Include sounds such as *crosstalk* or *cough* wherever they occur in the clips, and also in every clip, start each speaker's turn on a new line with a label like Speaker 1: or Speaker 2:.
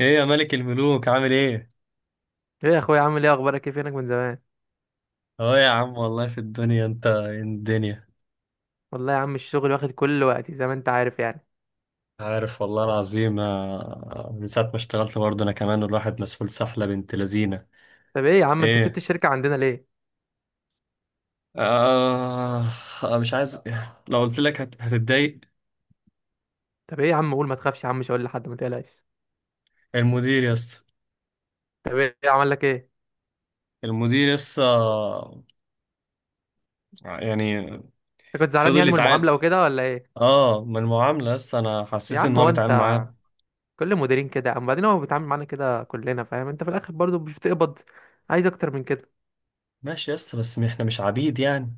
Speaker 1: ايه يا ملك الملوك، عامل ايه؟
Speaker 2: ايه يا اخويا عامل ايه؟ اخبارك ايه؟ فينك من زمان؟
Speaker 1: اه يا عم، والله في الدنيا، انت إيه الدنيا.
Speaker 2: والله يا عم الشغل واخد كل وقتي زي ما انت عارف يعني.
Speaker 1: عارف، والله العظيم. من ساعة ما اشتغلت برضه انا كمان، الواحد مسؤول سحلة بنت لذينة.
Speaker 2: طب ايه يا عم انت سبت
Speaker 1: ايه؟
Speaker 2: الشركه عندنا ليه؟
Speaker 1: آه. مش عايز. لو قلت لك هتتضايق.
Speaker 2: طب ايه يا عم، قول ما تخافش يا عم، مش هقول لحد، ما تقلقش.
Speaker 1: المدير يس
Speaker 2: طب ايه عمل لك ايه؟
Speaker 1: المدير يس، يعني
Speaker 2: انت كنت زعلان
Speaker 1: فضل
Speaker 2: يعني من المعامله
Speaker 1: يتعامل.
Speaker 2: وكده ولا ايه؟
Speaker 1: اه، من المعاملة يس، انا
Speaker 2: يا
Speaker 1: حسيت ان
Speaker 2: عم
Speaker 1: هو
Speaker 2: هو
Speaker 1: بيتعامل
Speaker 2: انت،
Speaker 1: معاه.
Speaker 2: كل مديرين كده، اما بعدين هو بيتعامل معانا كده كلنا، فاهم؟ انت في الاخر برضو مش بتقبض، عايز اكتر من كده؟
Speaker 1: ماشي يس، بس احنا مش عبيد يعني.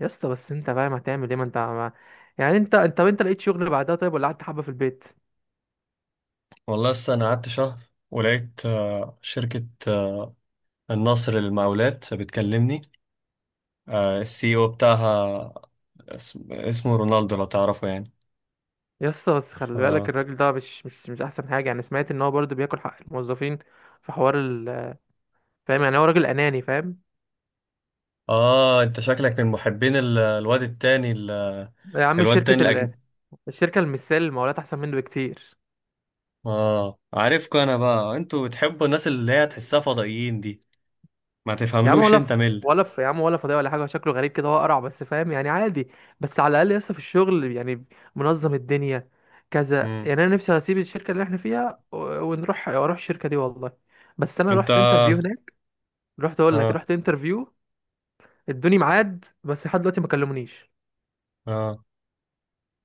Speaker 2: يا اسطى بس انت فاهم هتعمل ايه؟ ما انت ما... يعني انت لقيت شغل بعدها طيب، ولا قعدت حبه في البيت؟
Speaker 1: والله يس، انا قعدت شهر ولقيت شركة النصر المقاولات بتكلمني. السي او بتاعها اسمه رونالدو، لو تعرفه يعني.
Speaker 2: يا اسطى بس
Speaker 1: ف...
Speaker 2: خلي بالك، الراجل ده مش احسن حاجه يعني، سمعت ان هو برضه بياكل حق الموظفين، في حوار ال فاهم يعني؟ هو راجل اناني، فاهم؟
Speaker 1: اه، انت شكلك من محبين
Speaker 2: يا عم
Speaker 1: الواد التاني
Speaker 2: شركه ال...
Speaker 1: الاجنبي.
Speaker 2: الشركه المثال المقاولات احسن منه بكتير.
Speaker 1: اه، عارفكم انا بقى، انتوا بتحبوا الناس اللي هي تحسها فضائيين دي. ما
Speaker 2: يا عم
Speaker 1: تفهملوش انت مل.
Speaker 2: يا عم ولا فضيه ولا حاجه، شكله غريب كده، هو قرع بس، فاهم يعني، عادي. بس على الاقل يا اسطى في الشغل يعني منظم الدنيا كذا
Speaker 1: مم.
Speaker 2: يعني، انا نفسي اسيب الشركه اللي احنا فيها ونروح الشركه دي والله. بس انا
Speaker 1: انت،
Speaker 2: رحت انترفيو هناك، رحت اقول لك،
Speaker 1: اه
Speaker 2: رحت انترفيو، ادوني ميعاد بس لحد دلوقتي ما كلمونيش.
Speaker 1: اه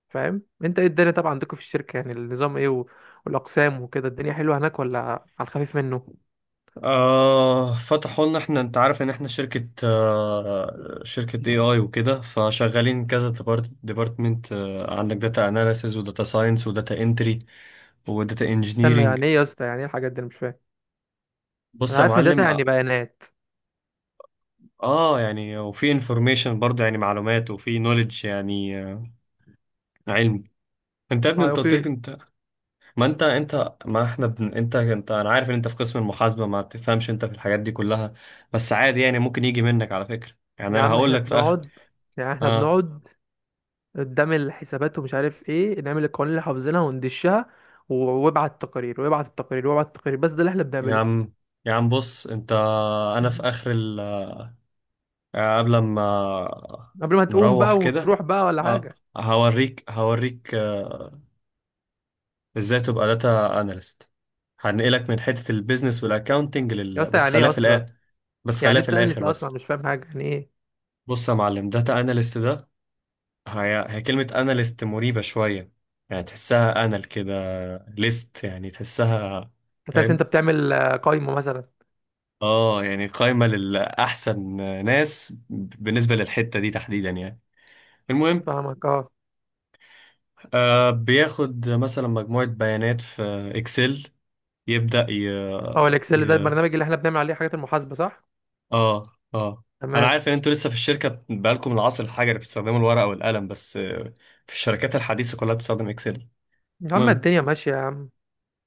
Speaker 2: فاهم انت؟ ايه الدنيا طبعا عندكم في الشركة يعني؟ النظام ايه والاقسام وكده؟ الدنيا حلوة هناك ولا على الخفيف منه؟
Speaker 1: فتحوا لنا احنا. انت عارف ان احنا شركة اي اي وكده، فشغالين كذا ديبارتمنت. عندك داتا اناليسز، وداتا ساينس، وداتا انتري، وداتا
Speaker 2: استنى،
Speaker 1: انجينيرنج.
Speaker 2: يعني ايه يا اسطى؟ يعني ايه الحاجات دي؟ انا مش فاهم.
Speaker 1: بص
Speaker 2: انا
Speaker 1: يا
Speaker 2: عارف ان داتا
Speaker 1: معلم،
Speaker 2: يعني
Speaker 1: اه.
Speaker 2: بيانات.
Speaker 1: يعني، وفي انفورميشن برضه يعني معلومات، وفي نوليدج يعني علم. انت يا ابني،
Speaker 2: اه،
Speaker 1: انت قلت لك
Speaker 2: في.
Speaker 1: انت. ما انت انت ما احنا بن... انت انت انا عارف ان انت في قسم المحاسبة، ما تفهمش انت في الحاجات دي كلها. بس عادي يعني، ممكن يجي منك على فكرة. يعني
Speaker 2: يا
Speaker 1: انا
Speaker 2: عم
Speaker 1: هقول
Speaker 2: احنا
Speaker 1: لك في اخر.
Speaker 2: بنقعد، يعني احنا
Speaker 1: اه
Speaker 2: بنقعد قدام الحسابات ومش عارف ايه، نعمل القوانين اللي حافظينها وندشها، وابعت التقارير وابعت التقارير وابعت التقارير، بس ده اللي احنا
Speaker 1: يا
Speaker 2: بنعمله.
Speaker 1: عم، يا عم بص انت، انا في
Speaker 2: مهم.
Speaker 1: قبل ما
Speaker 2: قبل ما تقوم
Speaker 1: نروح
Speaker 2: بقى
Speaker 1: كده.
Speaker 2: ونروح بقى ولا
Speaker 1: اه،
Speaker 2: حاجة؟
Speaker 1: هوريك ازاي تبقى داتا اناليست. هنقلك من حتة البيزنس والاكاونتنج
Speaker 2: يا اسطى
Speaker 1: بس
Speaker 2: يعني
Speaker 1: خليها
Speaker 2: ايه
Speaker 1: في
Speaker 2: اصلا؟
Speaker 1: الاخر. بس
Speaker 2: يعني
Speaker 1: خليها في
Speaker 2: انت، انا
Speaker 1: الاخر
Speaker 2: لسه
Speaker 1: بس.
Speaker 2: اصلا مش فاهم حاجة، يعني ايه؟
Speaker 1: بص يا معلم، داتا اناليست ده هي كلمة اناليست مريبة شوية. يعني تحسها انال كده، ليست يعني تحسها.
Speaker 2: هتحس انت
Speaker 1: فاهم؟
Speaker 2: بتعمل قايمة مثلا؟
Speaker 1: اه، يعني قايمة للأحسن ناس بالنسبة للحتة دي تحديدا يعني. المهم،
Speaker 2: فاهمك اه.
Speaker 1: بياخد مثلا مجموعة بيانات في اكسل، يبدأ ي...
Speaker 2: هو الاكسل ده
Speaker 1: ي...
Speaker 2: البرنامج اللي احنا بنعمل عليه حاجات المحاسبه صح؟
Speaker 1: اه اه انا
Speaker 2: تمام.
Speaker 1: عارف ان انتوا لسه في الشركة بقالكم العصر الحجري، اللي بتستخدموا الورقة والقلم، بس في الشركات الحديثة كلها بتستخدم اكسل.
Speaker 2: يا عم
Speaker 1: المهم،
Speaker 2: الدنيا ماشيه يا عم.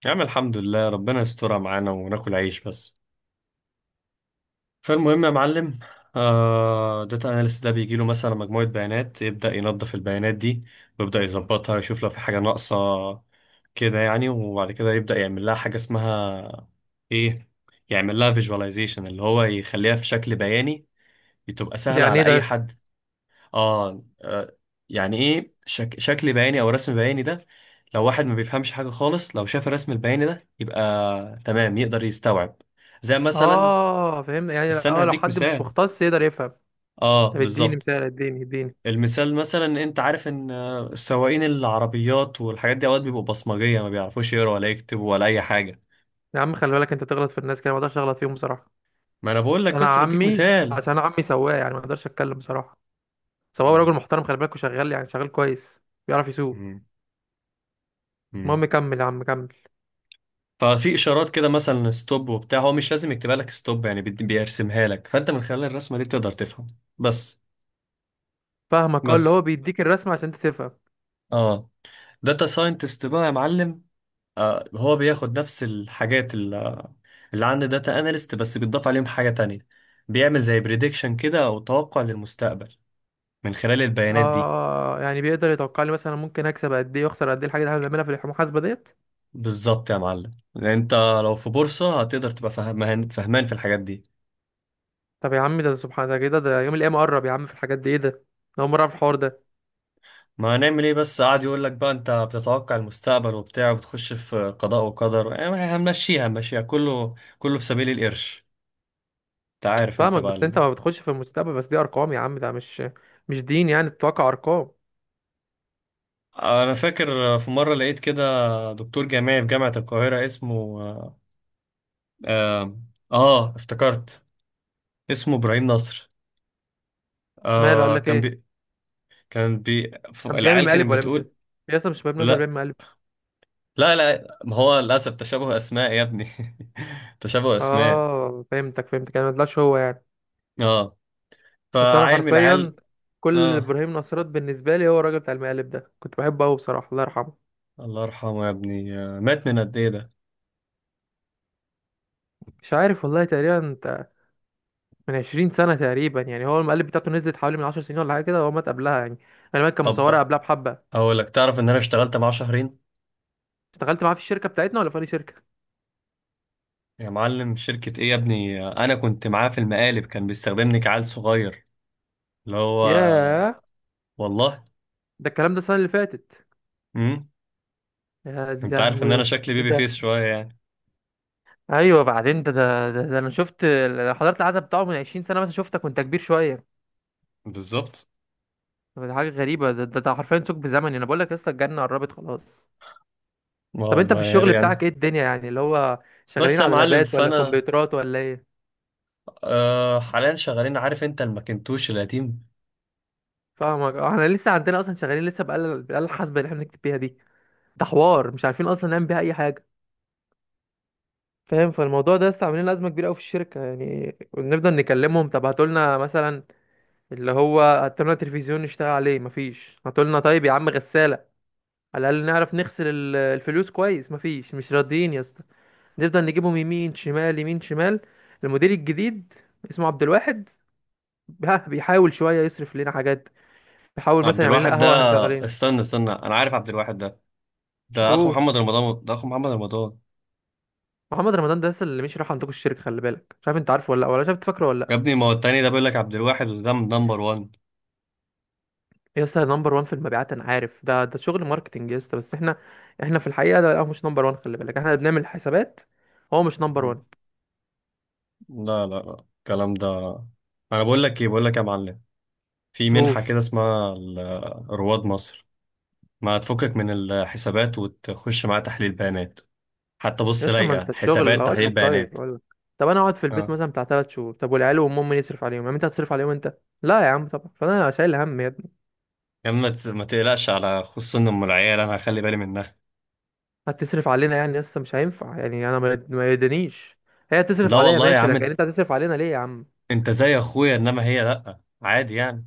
Speaker 1: يا عم الحمد لله، ربنا يسترها معانا وناكل عيش بس. فالمهم يا معلم، داتا اناليست ده بيجي له مثلا مجموعة بيانات، يبدأ ينظف البيانات دي، ويبدأ يظبطها، يشوف لو في حاجة ناقصة كده يعني. وبعد كده يبدأ يعمل لها حاجة اسمها ايه، يعمل لها فيجواليزيشن، اللي هو يخليها في شكل بياني، تبقى
Speaker 2: دي
Speaker 1: سهلة
Speaker 2: يعني
Speaker 1: على
Speaker 2: ايه ده يا
Speaker 1: أي
Speaker 2: اسطى؟
Speaker 1: حد. آه, آه يعني ايه شكل بياني أو رسم بياني ده؟ لو واحد ما بيفهمش حاجة خالص، لو شاف الرسم البياني ده، يبقى تمام، يقدر يستوعب، زي مثلا.
Speaker 2: اه فهمت، يعني
Speaker 1: استنى،
Speaker 2: اه لو
Speaker 1: هديك
Speaker 2: حد مش
Speaker 1: مثال.
Speaker 2: مختص يقدر يفهم.
Speaker 1: اه،
Speaker 2: طب اديني
Speaker 1: بالظبط.
Speaker 2: مثال، اديني اديني.
Speaker 1: المثال مثلا، انت عارف ان السواقين العربيات والحاجات دي، اوقات بيبقوا بصمجيه، ما بيعرفوش يقروا ولا يكتبوا ولا اي حاجه.
Speaker 2: يا عم خلي بالك، انت تغلط في الناس كده، ما اقدرش اغلط فيهم بصراحه،
Speaker 1: ما انا بقول
Speaker 2: عشان
Speaker 1: لك،
Speaker 2: انا
Speaker 1: بس بديك
Speaker 2: عمي،
Speaker 1: مثال.
Speaker 2: عشان انا عمي سواق يعني، ما اقدرش اتكلم بصراحه. سواق
Speaker 1: مم.
Speaker 2: راجل محترم خلي بالك، وشغال يعني شغال كويس، بيعرف يسوق.
Speaker 1: مم.
Speaker 2: المهم
Speaker 1: مم.
Speaker 2: كمل يا عم، كمل.
Speaker 1: ففي اشارات كده، مثلا ستوب وبتاع، هو مش لازم يكتبها لك ستوب، يعني بيرسمها لك، فانت من خلال الرسمه دي بتقدر تفهم بس.
Speaker 2: فاهمك اه، اللي هو
Speaker 1: بس،
Speaker 2: بيديك الرسمه عشان انت تفهم.
Speaker 1: اه. داتا ساينتست بقى يا معلم، هو بياخد نفس الحاجات اللي عندي داتا اناليست، بس بيتضاف عليهم حاجة تانية. بيعمل زي بريدكشن كده، او توقع للمستقبل من خلال البيانات دي.
Speaker 2: اه، يعني بيقدر يتوقع لي مثلا ممكن اكسب قد ايه واخسر قد ايه، الحاجه اللي احنا بنعملها في المحاسبه ديت؟
Speaker 1: بالظبط يا معلم، لان انت لو في بورصة، هتقدر تبقى فهمان في الحاجات دي.
Speaker 2: طب يا عم ده سبحان، ده كده ده يوم القيامة قرب يا عم في الحاجات دي، ايه ده؟ أنا أول مرة أعرف الحوار ده.
Speaker 1: ما هنعمل ايه، بس قاعد يقول لك بقى انت بتتوقع المستقبل وبتاع، وبتخش في قضاء وقدر، يعني هنمشيها هنمشيها كله كله في سبيل القرش. انت عارف انت
Speaker 2: فاهمك،
Speaker 1: بقى
Speaker 2: بس أنت ما بتخش في المستقبل، بس دي أرقام يا عم، ده مش دين يعني، الواقع أرقام.
Speaker 1: انا فاكر في مرة لقيت كده دكتور جامعي في جامعة القاهرة اسمه، آه, آه, اه افتكرت اسمه ابراهيم نصر.
Speaker 2: ماله؟ قال
Speaker 1: آه
Speaker 2: لك
Speaker 1: كان
Speaker 2: إيه؟
Speaker 1: بي
Speaker 2: كان بيعمل
Speaker 1: العيال
Speaker 2: مقالب
Speaker 1: كانت
Speaker 2: ولا مش؟
Speaker 1: بتقول.
Speaker 2: يا اسطى مش بيعمل نظر،
Speaker 1: لا
Speaker 2: بيعمل مقالب.
Speaker 1: لا لا، ما هو للأسف تشابه أسماء يا ابني *laughs* تشابه أسماء.
Speaker 2: آه فهمتك فهمتك، أنا ما طلعش هو يعني.
Speaker 1: اه،
Speaker 2: بس أنا
Speaker 1: فعيل من
Speaker 2: حرفيا،
Speaker 1: العيال.
Speaker 2: كل
Speaker 1: اه،
Speaker 2: إبراهيم نصرات بالنسبة لي هو الراجل بتاع المقالب ده، كنت بحبه أوي بصراحة، الله يرحمه.
Speaker 1: الله يرحمه يا ابني، مات من قد ايه ده؟
Speaker 2: مش عارف والله، تقريبا أنت، من 20 سنة تقريبا يعني، هو المقالب بتاعته نزلت حوالي من 10 سنين ولا حاجة كده، هو مات قبلها يعني، أنا كان
Speaker 1: طب
Speaker 2: مصورها
Speaker 1: بقى،
Speaker 2: قبلها بحبة.
Speaker 1: اقول لك، تعرف ان انا اشتغلت معاه شهرين.
Speaker 2: اشتغلت معاه في الشركة بتاعتنا ولا في أي شركة؟
Speaker 1: يا معلم شركة ايه يا ابني، انا كنت معاه في المقالب، كان بيستخدمني كعيل صغير اللي هو،
Speaker 2: ياه،
Speaker 1: والله.
Speaker 2: ده الكلام ده السنة اللي فاتت؟
Speaker 1: امم
Speaker 2: يا دي
Speaker 1: انت عارف
Speaker 2: لهوي
Speaker 1: ان
Speaker 2: يا
Speaker 1: انا
Speaker 2: اسطى،
Speaker 1: شكلي
Speaker 2: ايه
Speaker 1: بيبي
Speaker 2: ده؟
Speaker 1: فيس شوية يعني.
Speaker 2: ايوه بعدين ده انا شفت حضرت العزا بتاعه من 20 سنة مثلا، شفتك وانت كبير شوية.
Speaker 1: بالظبط.
Speaker 2: ده حاجة غريبة، ده حرفيا ثقب بزمني، انا بقول لك يا اسطى الجنة قربت خلاص.
Speaker 1: اه
Speaker 2: طب انت في
Speaker 1: والله يا
Speaker 2: الشغل
Speaker 1: ريت
Speaker 2: بتاعك
Speaker 1: يعني.
Speaker 2: ايه الدنيا يعني، اللي هو
Speaker 1: بس
Speaker 2: شغالين
Speaker 1: يا
Speaker 2: على
Speaker 1: معلم،
Speaker 2: لابات ولا
Speaker 1: فانا
Speaker 2: كمبيوترات ولا ايه؟
Speaker 1: حاليا شغالين، عارف انت الماكنتوش القديم.
Speaker 2: فاهمك اه، احنا لسه عندنا اصلا شغالين لسه بآلة الآلة الحاسبة اللي احنا بنكتب بيها دي، ده حوار مش عارفين اصلا نعمل بيها اي حاجة، فاهم؟ فالموضوع ده لسه عاملين ازمه كبيره قوي في الشركه يعني، بنفضل نكلمهم، طب هاتوا لنا مثلا، اللي هو هاتوا لنا تلفزيون نشتغل عليه، مفيش. هاتوا لنا طيب يا عم غساله على الاقل نعرف نغسل الفلوس كويس، مفيش، مش راضيين يا اسطى. نفضل نجيبهم يمين شمال يمين شمال. المدير الجديد اسمه عبد الواحد، ها بيحاول شويه يصرف لنا حاجات، بيحاول
Speaker 1: عبد
Speaker 2: مثلا يعمل لنا
Speaker 1: الواحد ده،
Speaker 2: قهوه واحنا شغالين.
Speaker 1: استنى استنى، انا عارف عبد الواحد ده. ده اخو
Speaker 2: قول.
Speaker 1: محمد رمضان، ده اخو محمد رمضان.
Speaker 2: محمد رمضان ده لسه اللي مش راح عندكم الشركه، خلي بالك، مش عارف انت عارفه ولا لأ، ولا شايف فاكره ولا
Speaker 1: يا
Speaker 2: لأ.
Speaker 1: ابني، ما هو التاني ده بيقول لك عبد الواحد، وده نمبر 1.
Speaker 2: يا اسطى نمبر 1 في المبيعات انا عارف ده، ده شغل ماركتنج يا اسطى، بس احنا، احنا في الحقيقه ده هو مش نمبر 1، خلي بالك احنا اللي بنعمل حسابات، هو مش نمبر
Speaker 1: مم.
Speaker 2: 1.
Speaker 1: لا لا لا الكلام ده. انا بقول لك ايه، بقول لك يا معلم، في منحة
Speaker 2: قول.
Speaker 1: كده اسمها رواد مصر. ما تفكك من الحسابات وتخش معاها تحليل بيانات. حتى
Speaker 2: يا
Speaker 1: بص،
Speaker 2: اسطى ما
Speaker 1: لايقة
Speaker 2: انت الشغل،
Speaker 1: حسابات
Speaker 2: هقول
Speaker 1: تحليل
Speaker 2: لك، طيب
Speaker 1: بيانات.
Speaker 2: هقول لك. طب انا اقعد في البيت
Speaker 1: اه
Speaker 2: مثلا بتاع 3 شهور، طب والعيال وامهم مين يصرف عليهم يعني؟ انت هتصرف عليهم؟ انت لا يا عم طبعا، فانا شايل هم يا ابني.
Speaker 1: يا عم، ما تقلقش، على خصوصا ام العيال انا هخلي بالي منها.
Speaker 2: هتصرف علينا يعني يا اسطى؟ مش هينفع يعني، انا ما يدنيش، هي تصرف
Speaker 1: لا
Speaker 2: عليا
Speaker 1: والله يا
Speaker 2: ماشي، لكن
Speaker 1: عم،
Speaker 2: انت هتصرف علينا ليه يا عم؟
Speaker 1: انت زي اخويا، انما هي لا عادي يعني.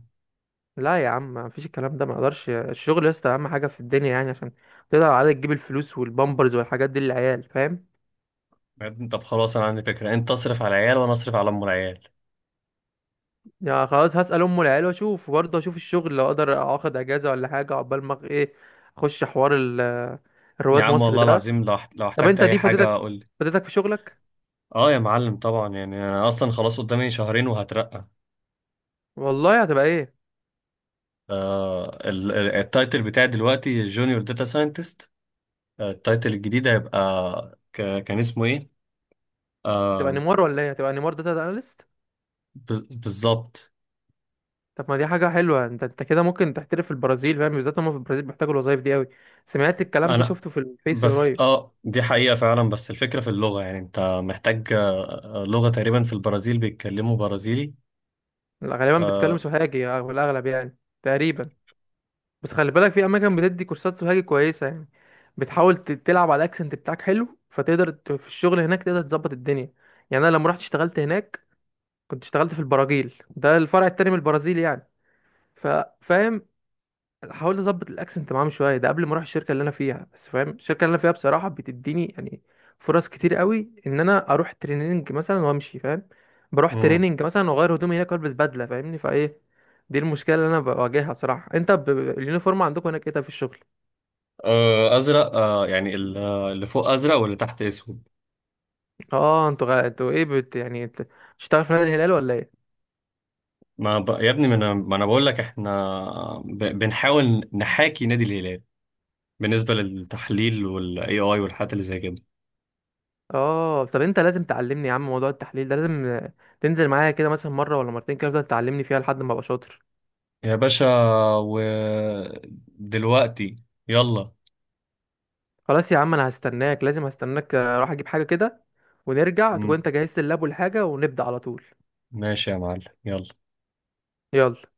Speaker 2: لا يا عم ما فيش الكلام ده، ما اقدرش. الشغل يا اسطى اهم حاجه في الدنيا يعني، عشان تقدر على تجيب الفلوس والبامبرز والحاجات دي للعيال، فاهم؟
Speaker 1: بعدين، طب خلاص، انا عندي فكره، انت اصرف على العيال وانا اصرف على ام العيال.
Speaker 2: يا خلاص هسال ام العيال واشوف، وبرضه اشوف الشغل لو اقدر اخد اجازه ولا حاجه عقبال ما ايه، اخش حوار
Speaker 1: يا
Speaker 2: الرواد
Speaker 1: عم
Speaker 2: مصر
Speaker 1: والله
Speaker 2: ده.
Speaker 1: العظيم، لو لو
Speaker 2: طب
Speaker 1: احتجت
Speaker 2: انت
Speaker 1: اي
Speaker 2: دي
Speaker 1: حاجه
Speaker 2: فاتتك،
Speaker 1: قول لي.
Speaker 2: فاتتك في شغلك؟
Speaker 1: اه يا معلم، طبعا يعني، انا اصلا خلاص قدامي شهرين وهترقى.
Speaker 2: والله هتبقى ايه؟
Speaker 1: التايتل بتاعي دلوقتي جونيور داتا ساينتست. التايتل الجديد هيبقى كان اسمه ايه،
Speaker 2: هتبقى
Speaker 1: آه.
Speaker 2: نيمار ولا ايه؟ هتبقى نيمار داتا اناليست؟
Speaker 1: بالظبط.
Speaker 2: طب ما دي حاجه حلوه، انت انت كده ممكن تحترف في البرازيل، فاهم؟ بالذات هم في البرازيل بيحتاجوا الوظايف دي قوي، سمعت الكلام ده،
Speaker 1: انا،
Speaker 2: شفته في الفيس
Speaker 1: بس
Speaker 2: قريب.
Speaker 1: اه، دي حقيقه فعلا، بس الفكره في اللغه يعني، انت محتاج لغه، تقريبا في البرازيل بيتكلموا برازيلي.
Speaker 2: لا، غالبا بتكلم
Speaker 1: آه.
Speaker 2: سوهاجي في الاغلب يعني، تقريبا. بس خلي بالك في اماكن بتدي كورسات سوهاجي كويسه يعني، بتحاول تلعب على الاكسنت بتاعك حلو، فتقدر في الشغل هناك تقدر تظبط الدنيا. يعني انا لما رحت اشتغلت هناك، كنت اشتغلت في البراجيل، ده الفرع التاني من البرازيل يعني، ف- فاهم. هحاول اظبط الاكسنت معاهم شويه ده قبل ما اروح الشركه اللي انا فيها، بس فاهم الشركه اللي انا فيها بصراحه بتديني يعني فرص كتير قوي ان انا اروح تريننج مثلا وامشي، فاهم؟ بروح
Speaker 1: مم.
Speaker 2: تريننج مثلا واغير هدومي هناك والبس بدله، فاهمني؟ فايه دي المشكله اللي انا بواجهها بصراحه. انت اليونيفورم عندكم هناك ايه ده في الشغل؟
Speaker 1: ازرق، يعني اللي فوق ازرق واللي تحت اسود.
Speaker 2: اه انتوا غ... انتوا ايه بت... يعني بت... بتشتغل في نادي الهلال ولا ايه؟
Speaker 1: ما ب... يا ابني، ما انا بقول لك احنا، بنحاول نحاكي نادي الهلال. بالنسبه للتحليل، والاي اي، والحاجات اللي زي كده.
Speaker 2: اه طب انت لازم تعلمني يا عم، موضوع التحليل ده لازم تنزل معايا كده مثلا مره ولا مرتين كده، تفضل تعلمني فيها لحد ما ابقى شاطر.
Speaker 1: يا باشا، ودلوقتي، يلا.
Speaker 2: خلاص يا عم انا هستناك، لازم هستناك، اروح اجيب حاجة كده ونرجع تكون
Speaker 1: مم.
Speaker 2: انت جهزت اللاب والحاجة ونبدأ على طول.
Speaker 1: ماشي يا معلم، يلا.
Speaker 2: يلا.